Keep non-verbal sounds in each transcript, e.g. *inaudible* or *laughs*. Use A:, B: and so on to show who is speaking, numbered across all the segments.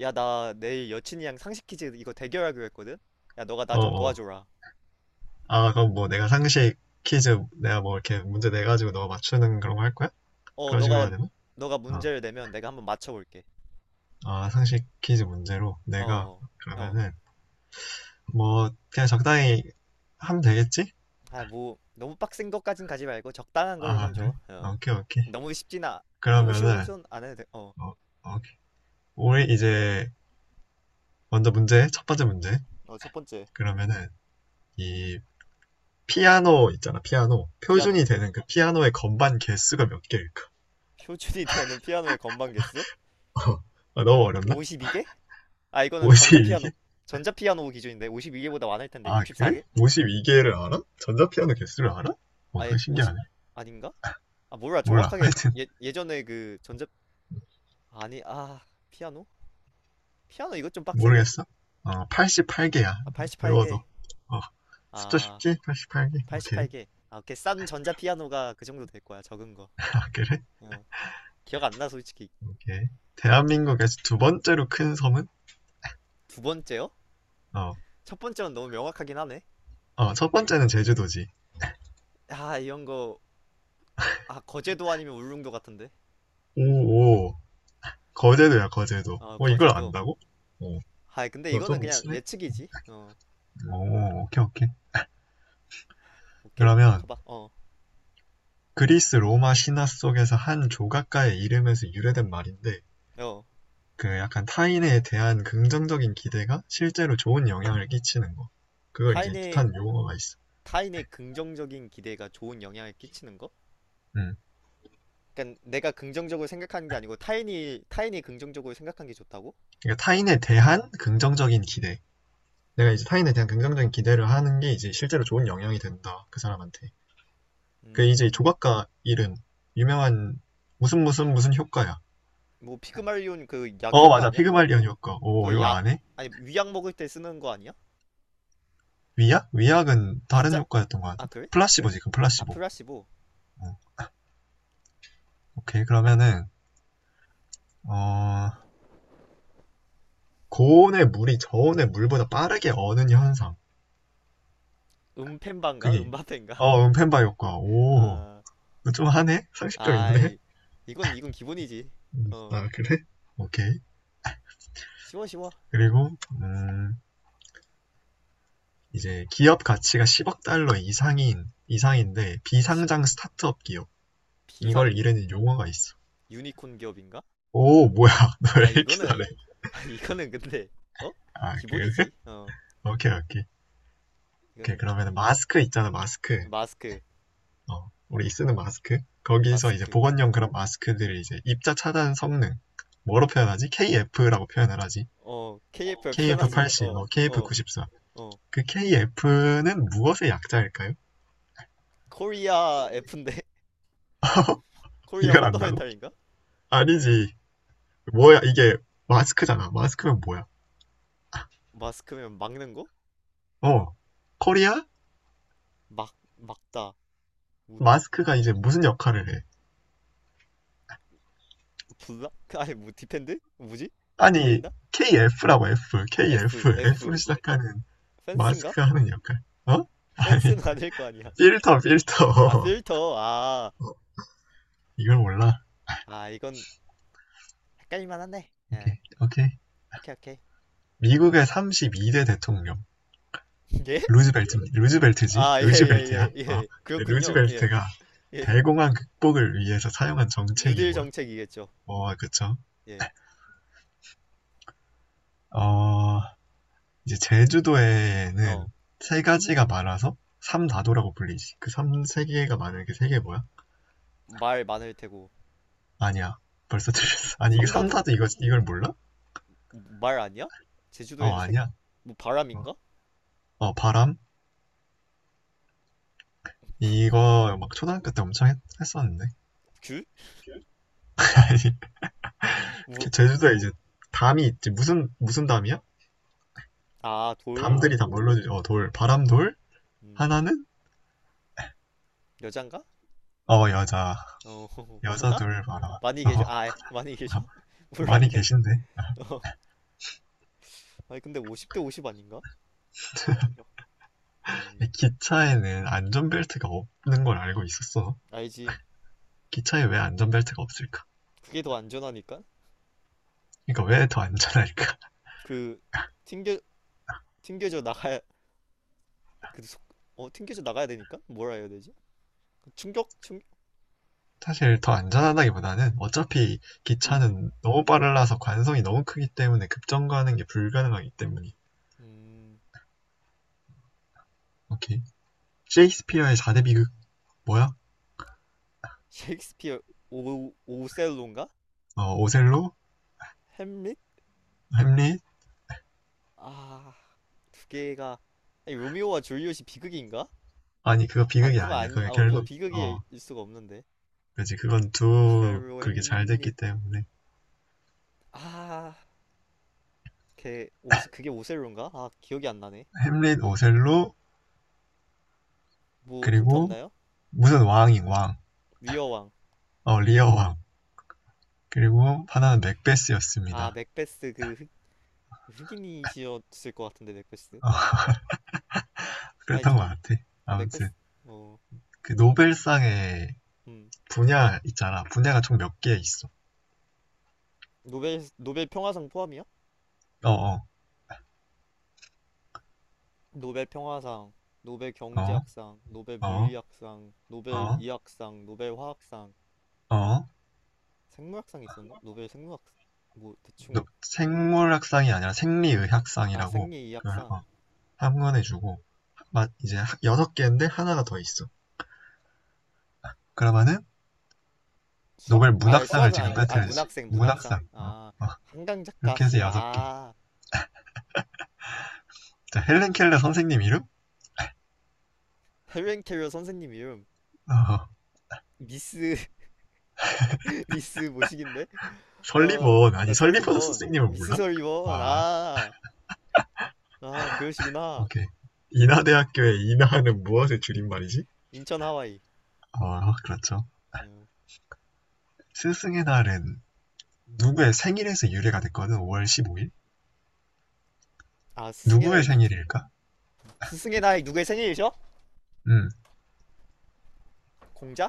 A: 야, 나 내일 여친이랑 상식 퀴즈 이거 대결하기로 했거든? 야, 너가 나
B: 어,
A: 좀
B: 어.
A: 도와줘라.
B: 아, 그럼 뭐 내가 상식 퀴즈 내가 뭐 이렇게 문제 내가지고 너가 맞추는 그런 거 할 거야?
A: 어,
B: 그런 식으로 해야
A: 너가,
B: 되나?
A: 너가
B: 아,
A: 문제를 내면 내가 한번 맞춰볼게.
B: 아, 상식 퀴즈 문제로
A: 어,
B: 내가
A: 어, 어.
B: 그러면은 뭐 그냥 적당히 하면 되겠지?
A: 아, 뭐, 너무 빡센 것까진 가지 말고 적당한 걸로만
B: 아, 그래?
A: 줘. 어.
B: 오케이, 오케이.
A: 너무 쉽진 아, 너무 쉬운 건
B: 그러면은
A: 좀 안 해도 돼. 어.
B: 어, 오케이. 우리 이제 먼저 문제, 첫 번째 문제.
A: 어, 첫 번째.
B: 그러면은 이 피아노 있잖아, 피아노.
A: 피아노.
B: 표준이 되는 그 피아노의 건반 개수가 몇 개일까?
A: 표준이 되는 피아노의 건반 개수?
B: *laughs* 아, 너무 어렵나?
A: 52개? 아, 이거는
B: 뭐지
A: 전자피아노,
B: 이게?
A: 전자피아노 기준인데 52개보다 많을 텐데
B: 아, 그래?
A: 64개?
B: 52개를 알아? 전자피아노 개수를 알아? 와,
A: 아예
B: 그거
A: 50,
B: 신기하네.
A: 아닌가? 아, 몰라.
B: 몰라.
A: 정확하게
B: 하여튼,
A: 예, 예전에 그 전자, 아니, 아, 피아노? 피아노 이것 좀 빡세네.
B: 모르겠어. 어, 88개야.
A: 아,
B: 외워도.
A: 88개.
B: 어, 숫자
A: 아,
B: 쉽지? 88개. 오케이.
A: 88개. 아, 오케이. 싼 전자 피아노가 그 정도 될 거야. 적은 거.
B: *laughs* 아, 그래?
A: 어. 기억 안 나, 솔직히.
B: 오케이.
A: 음.
B: 대한민국에서 두 번째로 큰 섬은?
A: 두 번째요?
B: 어,
A: 첫 번째는 너무 명확하긴 하네.
B: 어, 첫 번째는 제주도지.
A: 아, 이런 거. 아, 거제도 아니면 울릉도 같은데.
B: 오, 오. 거제도야, 거제도.
A: 어,
B: 어, 이걸
A: 거제도.
B: 안다고? 어,
A: 아, 근데
B: 너
A: 이거는
B: 좀
A: 그냥
B: 친해?
A: 예측이지. 어,
B: 오, 오케이, 오케이.
A: 오케이.
B: 그러면,
A: 가봐. 어,
B: 그리스 로마 신화 속에서 한 조각가의 이름에서 유래된 말인데,
A: 어.
B: 그 약간 타인에 대한 긍정적인 기대가 실제로 좋은 영향을 끼치는 거. 그걸 이제
A: 타인의,
B: 뜻하는 용어가 있어.
A: 타인의, 긍정적인 기대가 좋은 영향을 끼치는 거?
B: 음.
A: 그러니까 내가 긍정적으로 생각하는 게 아니고 타인이 긍정적으로 생각한 게 좋다고?
B: 그러니까 타인에 대한 긍정적인 기대. 내가 이제 타인에 대한 긍정적인 기대를 하는 게 이제 실제로 좋은 영향이 된다. 그 사람한테. 그 이제
A: 음,
B: 조각가 이름 유명한 무슨 효과야.
A: 뭐 피그말리온 그 약
B: 어,
A: 효과
B: 맞아.
A: 아니야 그거?
B: 피그말리언 효과. 오,
A: 그
B: 이거
A: 약
B: 안 해?
A: 아니 위약 먹을 때 쓰는 거 아니야?
B: 위약? 위약은 다른
A: 가짜
B: 효과였던 것
A: 아
B: 같은데.
A: 그래? 그래?
B: 플라시보. 지금
A: 아
B: 플라시보.
A: 플라시보
B: 어, 오케이. 그러면은 어, 고온의 물이 저온의 물보다 빠르게 어는 현상.
A: 음펜반가
B: 그게
A: 음바펜가
B: 어, 음펜바 효과.
A: *laughs* 아
B: 오좀 하네. 상식적 있네.
A: 아이 이건 기본이지 어
B: 아, 그래. 오케이.
A: 쉬워 쉬워
B: 그리고 음, 이제 기업 가치가 10억 달러 이상인데
A: 시-
B: 비상장 스타트업 기업.
A: 비상
B: 이걸 이르는 용어가 있어.
A: 유니콘 기업인가?
B: 오, 뭐야? *laughs* 너 왜
A: 아
B: 이렇게
A: 이거는
B: 잘해?
A: *laughs* 아 이거는 근데 어
B: 아, 그래.
A: 기본이지 어
B: 오케이, 오케이. 오케이,
A: 이건
B: 그러면 마스크 있잖아, 마스크.
A: 마스크
B: 어, 우리 쓰는 마스크, 거기서 이제
A: 마스크
B: 보건용 그런 마스크들을 이제 입자 차단 성능 뭐로 표현하지? KF라고 표현을 하지.
A: 어 k f 표 편하지
B: KF80,
A: 어
B: 뭐
A: 어,
B: KF94.
A: 어.
B: 그 KF는 무엇의 약자일까요?
A: 코리아 F인데 *laughs*
B: *laughs*
A: 코리아
B: 이걸 안다고?
A: 펀더멘탈인가?
B: 아니지. 뭐야, 이게. 마스크잖아. 마스크면 뭐야?
A: 마스크면 막는 거?
B: 어. 코리아?
A: 막 막다. 우
B: 마스크가 이제 무슨 역할을 해?
A: 블락? *laughs* 아니 뭐 디펜드? 뭐지?
B: 아니,
A: 가린다?
B: KF라고 F,
A: F
B: KF,
A: F
B: F로 시작하는
A: 펜스인가?
B: 마스크가 하는 역할. 어? 아니,
A: 펜스는 *laughs* 아닐 거 아니야.
B: 필터,
A: 아
B: 필터.
A: 필터. 아.
B: *laughs* 이걸 몰라.
A: 아 이건 헷갈릴만 하네. 예.
B: 오케이, 오케이.
A: 오케이 오케이.
B: 미국의 32대 대통령.
A: *laughs* 예?
B: 루즈벨트. 루즈벨트지?
A: 아, 예,
B: 루즈벨트야?
A: 예, 예,
B: 어.
A: 예.
B: 네,
A: 그렇군요. 예.
B: 루즈벨트가
A: 예.
B: 대공황 극복을 위해서 사용한 정책이
A: 뉴딜
B: 뭐야?
A: 정책이겠죠.
B: 어, 그쵸.
A: 예.
B: 어, 이제 제주도에는
A: 어.
B: 세 가지가 많아서 삼다도라고 불리지. 그 삼, 세 개가 많은 게 세 개 뭐야?
A: 말 많을 테고.
B: 아니야. 벌써
A: 응?
B: 틀렸어. 아니, 이게
A: 삼다돈
B: 삼다도 이거, 이걸 몰라?
A: 말 아니야?
B: 어,
A: 제주도에는 색,
B: 아니야.
A: 뭐
B: 어,
A: 바람인가?
B: 어, 바람? 이거 막 초등학교 때 엄청 했, 었는데.
A: 귤?
B: *laughs* 아니,
A: 뭐,
B: 제주도에 이제 담이 있지. 무슨, 무슨 담이야?
A: 아, 돌.
B: 담들이 다 뭘로, 주- 어, 돌, 바람돌,
A: 음,
B: 하나는
A: 여잔가?
B: 어, 여자.
A: 어, *laughs*
B: 여자
A: 많아?
B: 둘 봐라.
A: 많이
B: 어.
A: 계셔? 아, 예. 많이 계셔?
B: *laughs*
A: *laughs*
B: 많이
A: 몰랐네.
B: 계신데.
A: 어. 아니, 근데 50대 50 아닌가? 음,
B: 기차에는 안전벨트가 없는 걸 알고 있었어?
A: 알지.
B: 기차에 왜 안전벨트가 없을까?
A: 그게 더 안전하니까?
B: 그러니까 왜 더 안전할까?
A: 그, 튕겨, 튕겨져 나가야, 그, 속, 어, 튕겨져 나가야 되니까? 뭐라 해야 되지? 그 충격? 충격?
B: *laughs* 사실 더 안전하다기보다는 어차피
A: 이-
B: 기차는 너무
A: 음,
B: 빨라서 관성이 너무 크기 때문에 급정거하는 게 불가능하기 때문이.
A: 음,
B: 오케이. 셰익스피어의 4대 비극 뭐야?
A: 셰익스피어, 오, 오셀로인가?
B: 어, 오셀로,
A: 햄릿?
B: 햄릿.
A: 아, 두 개가, 아니, 로미오와 줄리엣이 비극인가?
B: 아니, 그거
A: 아니,
B: 비극이
A: 그건 아
B: 아니야.
A: 닌
B: 그게
A: 아, 그거
B: 결국 어,
A: 비극일 수가 없는데.
B: 그지. 그건 두,
A: 오셀로,
B: 그게 잘 됐기
A: 햄릿.
B: 때문에.
A: 아, 걔 오스 그게 오셀로인가? 아, 기억이 안 나네.
B: 햄릿, 오셀로.
A: 뭐 힌트
B: 그리고
A: 없나요?
B: 무슨 왕인 왕.
A: 위어왕.
B: 어, 리어 왕. 그리고 하나는
A: 아,
B: 맥베스였습니다.
A: 맥베스 그 흑, 흑인이셨을 것 같은데 맥베스
B: 어,
A: 맞나?
B: *laughs*
A: 아니
B: 그랬던 것
A: 참,
B: 같아.
A: 어,
B: 아무튼,
A: 맥베스 어,
B: 그 노벨상의
A: 음,
B: 분야 있잖아. 분야가 총 몇 개 있어.
A: 노벨 평화상 포함이야?
B: 어, 어,
A: 노벨 평화상, 노벨
B: 어,
A: 경제학상, 노벨
B: 어,
A: 물리학상, 노벨
B: 어,
A: 이학상, 노벨 화학상,
B: 어.
A: 생물학상 있었나? 노벨 생물학 뭐 대충
B: 생물학상이 아니라
A: 아
B: 생리의학상이라고
A: 생리
B: 그걸
A: 이학상,
B: 어, 한건해주고 이제 여섯 개인데 하나가 더 있어. 그러면은
A: 수학?
B: 노벨
A: 아
B: 문학상을
A: 수학은
B: 지금
A: 아닌데, 아
B: 빼뜨리지.
A: 문학생 문학상.
B: 문학상. 어,
A: 아
B: 어.
A: 한강 작가
B: 이렇게 해서
A: 씨,
B: 여섯 개.
A: 아.
B: 자, 헬렌 켈러 선생님 이름?
A: 해외 캐리어 선생님 이름
B: 어,
A: 미스 *laughs* 미스 모식인데 어
B: 설리번. 아니,
A: 설리
B: 설리번
A: 번
B: 선생님을
A: 미스
B: 몰라?
A: 설리번
B: 와,
A: 아 아 그러시구나
B: 오케이. 인하대학교의 인하는 무엇의 줄임말이지?
A: 인천 하와이
B: 어, 그렇죠.
A: 어,
B: 스승의 날은 누구의 생일에서 유래가 됐거든, 5월 15일?
A: 아 스승의
B: 누구의
A: 날 누구
B: 생일일까?
A: 스승의 날 누구의 생일이죠?
B: 음,
A: 공자?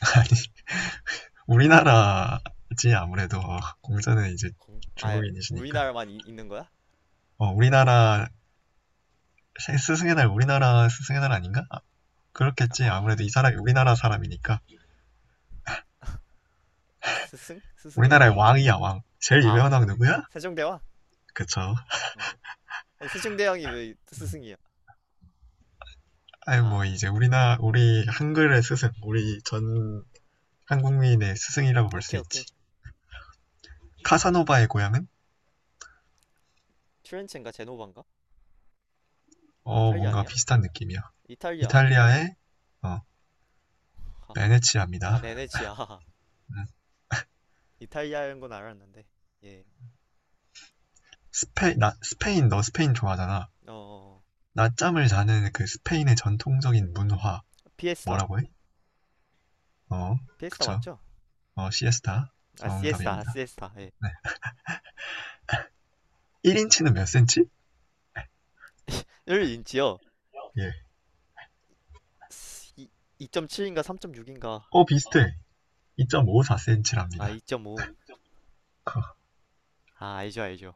B: *laughs* 아니, 우리나라지, 아무래도. 어, 공자는 이제
A: 공? 아
B: 중국인이시니까.
A: 우리나라만 이- 있는 거야?
B: 어, 우리나라, 스승의 날, 우리나라 스승의 날 아닌가? 아, 그렇겠지.
A: 아
B: 아무래도 이 사람이
A: 음,
B: 우리나라 사람이니까.
A: 스승? 스승의 날?
B: 우리나라의 왕이야, 왕. 제일
A: 아
B: 유명한 왕 누구야?
A: 세종대왕?
B: 그쵸.
A: 어. 아니 세종대왕이 왜 스승이야?
B: 아유, 뭐,
A: 아
B: 이제 우리 한글의 스승, 우리 전 한국민의 스승이라고 볼 수
A: 오케이 오케이
B: 있지. 카사노바의 고향은?
A: 트렌체인가 제노바인가?
B: 어,
A: 이탈리아
B: 뭔가
A: 아니야?
B: 비슷한 느낌이야.
A: 이탈리아
B: 이탈리아의, 어,
A: 아, 아
B: 베네치아입니다.
A: 베네치아 *laughs* 이탈리아인 건 알았는데. 예.
B: 스페인, 너 스페인 좋아하잖아.
A: 어, 어,
B: 낮잠을 자는 그 스페인의 전통적인 문화,
A: 어. 피에스타.
B: 뭐라고 해? 어,
A: 피에스타
B: 그쵸.
A: 맞죠?
B: 어, 시에스타.
A: 아, 시에스타. 아,
B: 정답입니다.
A: 시에스타. 예.
B: 1인치는 몇 센치?
A: 1인치요.
B: 예.
A: 2.7인가 3.6인가?
B: 어, 비슷해.
A: 아,
B: 2.54cm랍니다.
A: 2.5.
B: *laughs*
A: 아, 알죠, 알죠.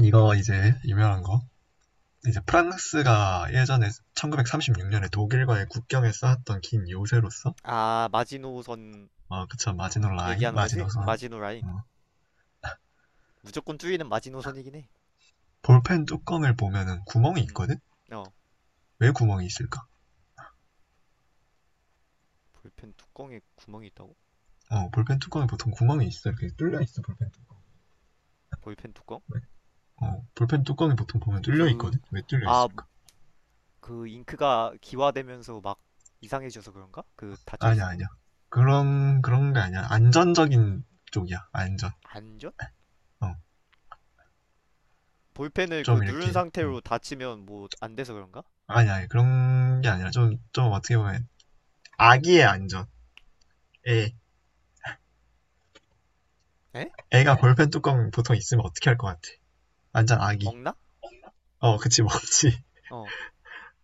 B: 이거 이제 유명한 거. 이제 프랑스가 예전에 1936년에 독일과의 국경에 쌓았던 긴 요새로서
A: 아, 마지노선
B: 어, 그쵸. 마지노 라인,
A: 얘기하는 거지?
B: 마지노선.
A: 마지노 라인.
B: 어,
A: 무조건 뚫리는 마지노선이긴 해.
B: 볼펜 뚜껑을 보면은 구멍이
A: 음.
B: 있거든.
A: 어.
B: 왜 구멍이 있을까?
A: 볼펜 뚜껑에 구멍이 있다고?
B: 어, 볼펜 뚜껑에 보통 구멍이 있어. 이렇게 뚫려 있어. 볼펜
A: 볼펜 뚜껑?
B: 뚜껑. 어, 볼펜 뚜껑이 보통 보면 뚫려
A: 그,
B: 있거든. 왜 뚫려
A: 아,
B: 있을까?
A: 그 잉크가 기화되면서 막 이상해져서 그런가? 그 닫혀
B: 아니야
A: 있으면?
B: 아니야 그런 게 아니야. 안전적인 쪽이야. 안전.
A: 안전?
B: 어,
A: 볼펜을 그
B: 좀 이렇게.
A: 누른
B: 어.
A: 상태로 다치면 뭐 안 돼서 그런가?
B: 아니야, 아니, 그런 게 아니라 좀 어떻게 보면 아기의 안전에.
A: 에?
B: 애가 볼펜 뚜껑 보통 있으면 어떻게 할 것 같아? 완전 아기.
A: 먹나?
B: 어, 그치, 먹지. *laughs*
A: 어,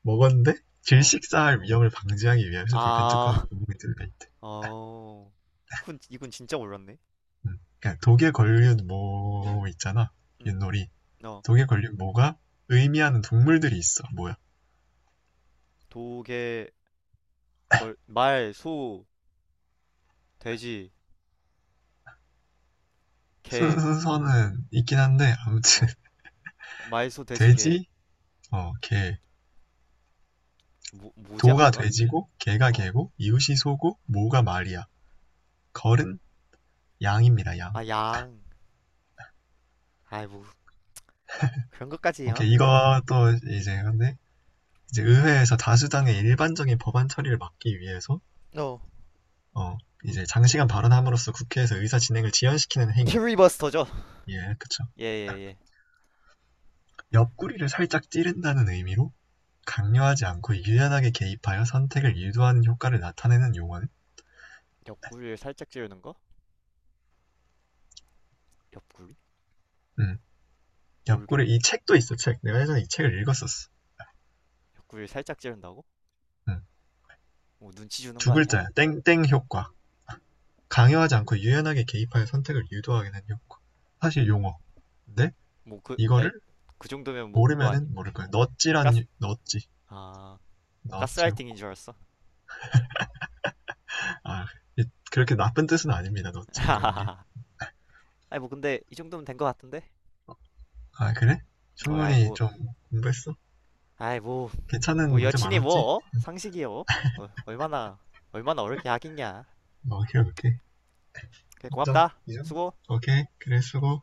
B: 먹었는데
A: 어.
B: 질식사할 위험을 방지하기 위해서 볼펜 뚜껑에
A: 아,
B: 고무이 들어 있대.
A: *laughs* 어. 훈, 이건 진짜 몰랐네.
B: 음. 그러니까 독에 걸린 모 있잖아,
A: 음,
B: 윷놀이.
A: 어.
B: 독에 걸린 모가 의미하는 동물들이 있어. 뭐야?
A: 도, 개, 걸, 말, 소, 돼지, 개.
B: 순서는 있긴 한데 아무튼.
A: 어.
B: *laughs*
A: 말, 소, 돼지, 개.
B: 돼지, 어, 개.
A: 뭐, 뭐지
B: 도가
A: 하나가?
B: 돼지고, 개가
A: 어.
B: 개고, 이웃이 소고, 모가 말이야. 걸은 양입니다, 양.
A: 아, 양. 아이, 뭐, 그런 것까지요?
B: 오케이, 이것도 이제 근데 이제 의회에서 다수당의 일반적인 법안 처리를 막기 위해서
A: 어.
B: 어, 이제 장시간 발언함으로써 국회에서 의사 진행을 지연시키는 행위.
A: 퓨리버스터죠?
B: 예, 그쵸.
A: 예, 예, 예.
B: 옆구리를 살짝 찌른다는 의미로 강요하지 않고 유연하게 개입하여 선택을 유도하는 효과를 나타내는 용어는.
A: 옆구리를 살짝 찌르는 거? 옆구리?
B: 음,
A: 모르겠네.
B: 옆구리. 이 책도 있어. 책 내가 예전에 이 책을 읽었었어.
A: 옆구리를 살짝 찌른다고?
B: 음,
A: 뭐, 눈치 주는 거
B: 두
A: 아니야?
B: 글자야. 땡땡 효과. 강요하지 않고 유연하게 개입하여 선택을 유도하게 되는 효과. 사실 용어, 근데
A: 뭐 그, 아니,
B: 이거를
A: 그 정도면 뭐 그거 아니야?
B: 모르면은 모를 거야.
A: 가스,
B: 넛지라는, 넛지.
A: 아, 뭐
B: 넛지.
A: 가스라이팅인 줄 알았어.
B: 아, 그렇게 나쁜 뜻은 아닙니다, 넣찌지 이런 게.
A: *laughs* 아니 뭐 근데 이 정도면 된 것 같은데?
B: 아, 그래?
A: 어, 아이
B: 충분히
A: 뭐,
B: 좀 공부했어?
A: 아이 뭐,
B: 괜찮은
A: 뭐
B: 문제
A: 여친이
B: 많았지?
A: 뭐 어? 상식이요? 어, 얼마나, 어렵게 하겠냐.
B: 뭐, 오케이, 오케이.
A: 그래
B: 인정?
A: 고맙다.
B: 인정?
A: 수고.
B: 오케이, 그래, 수고.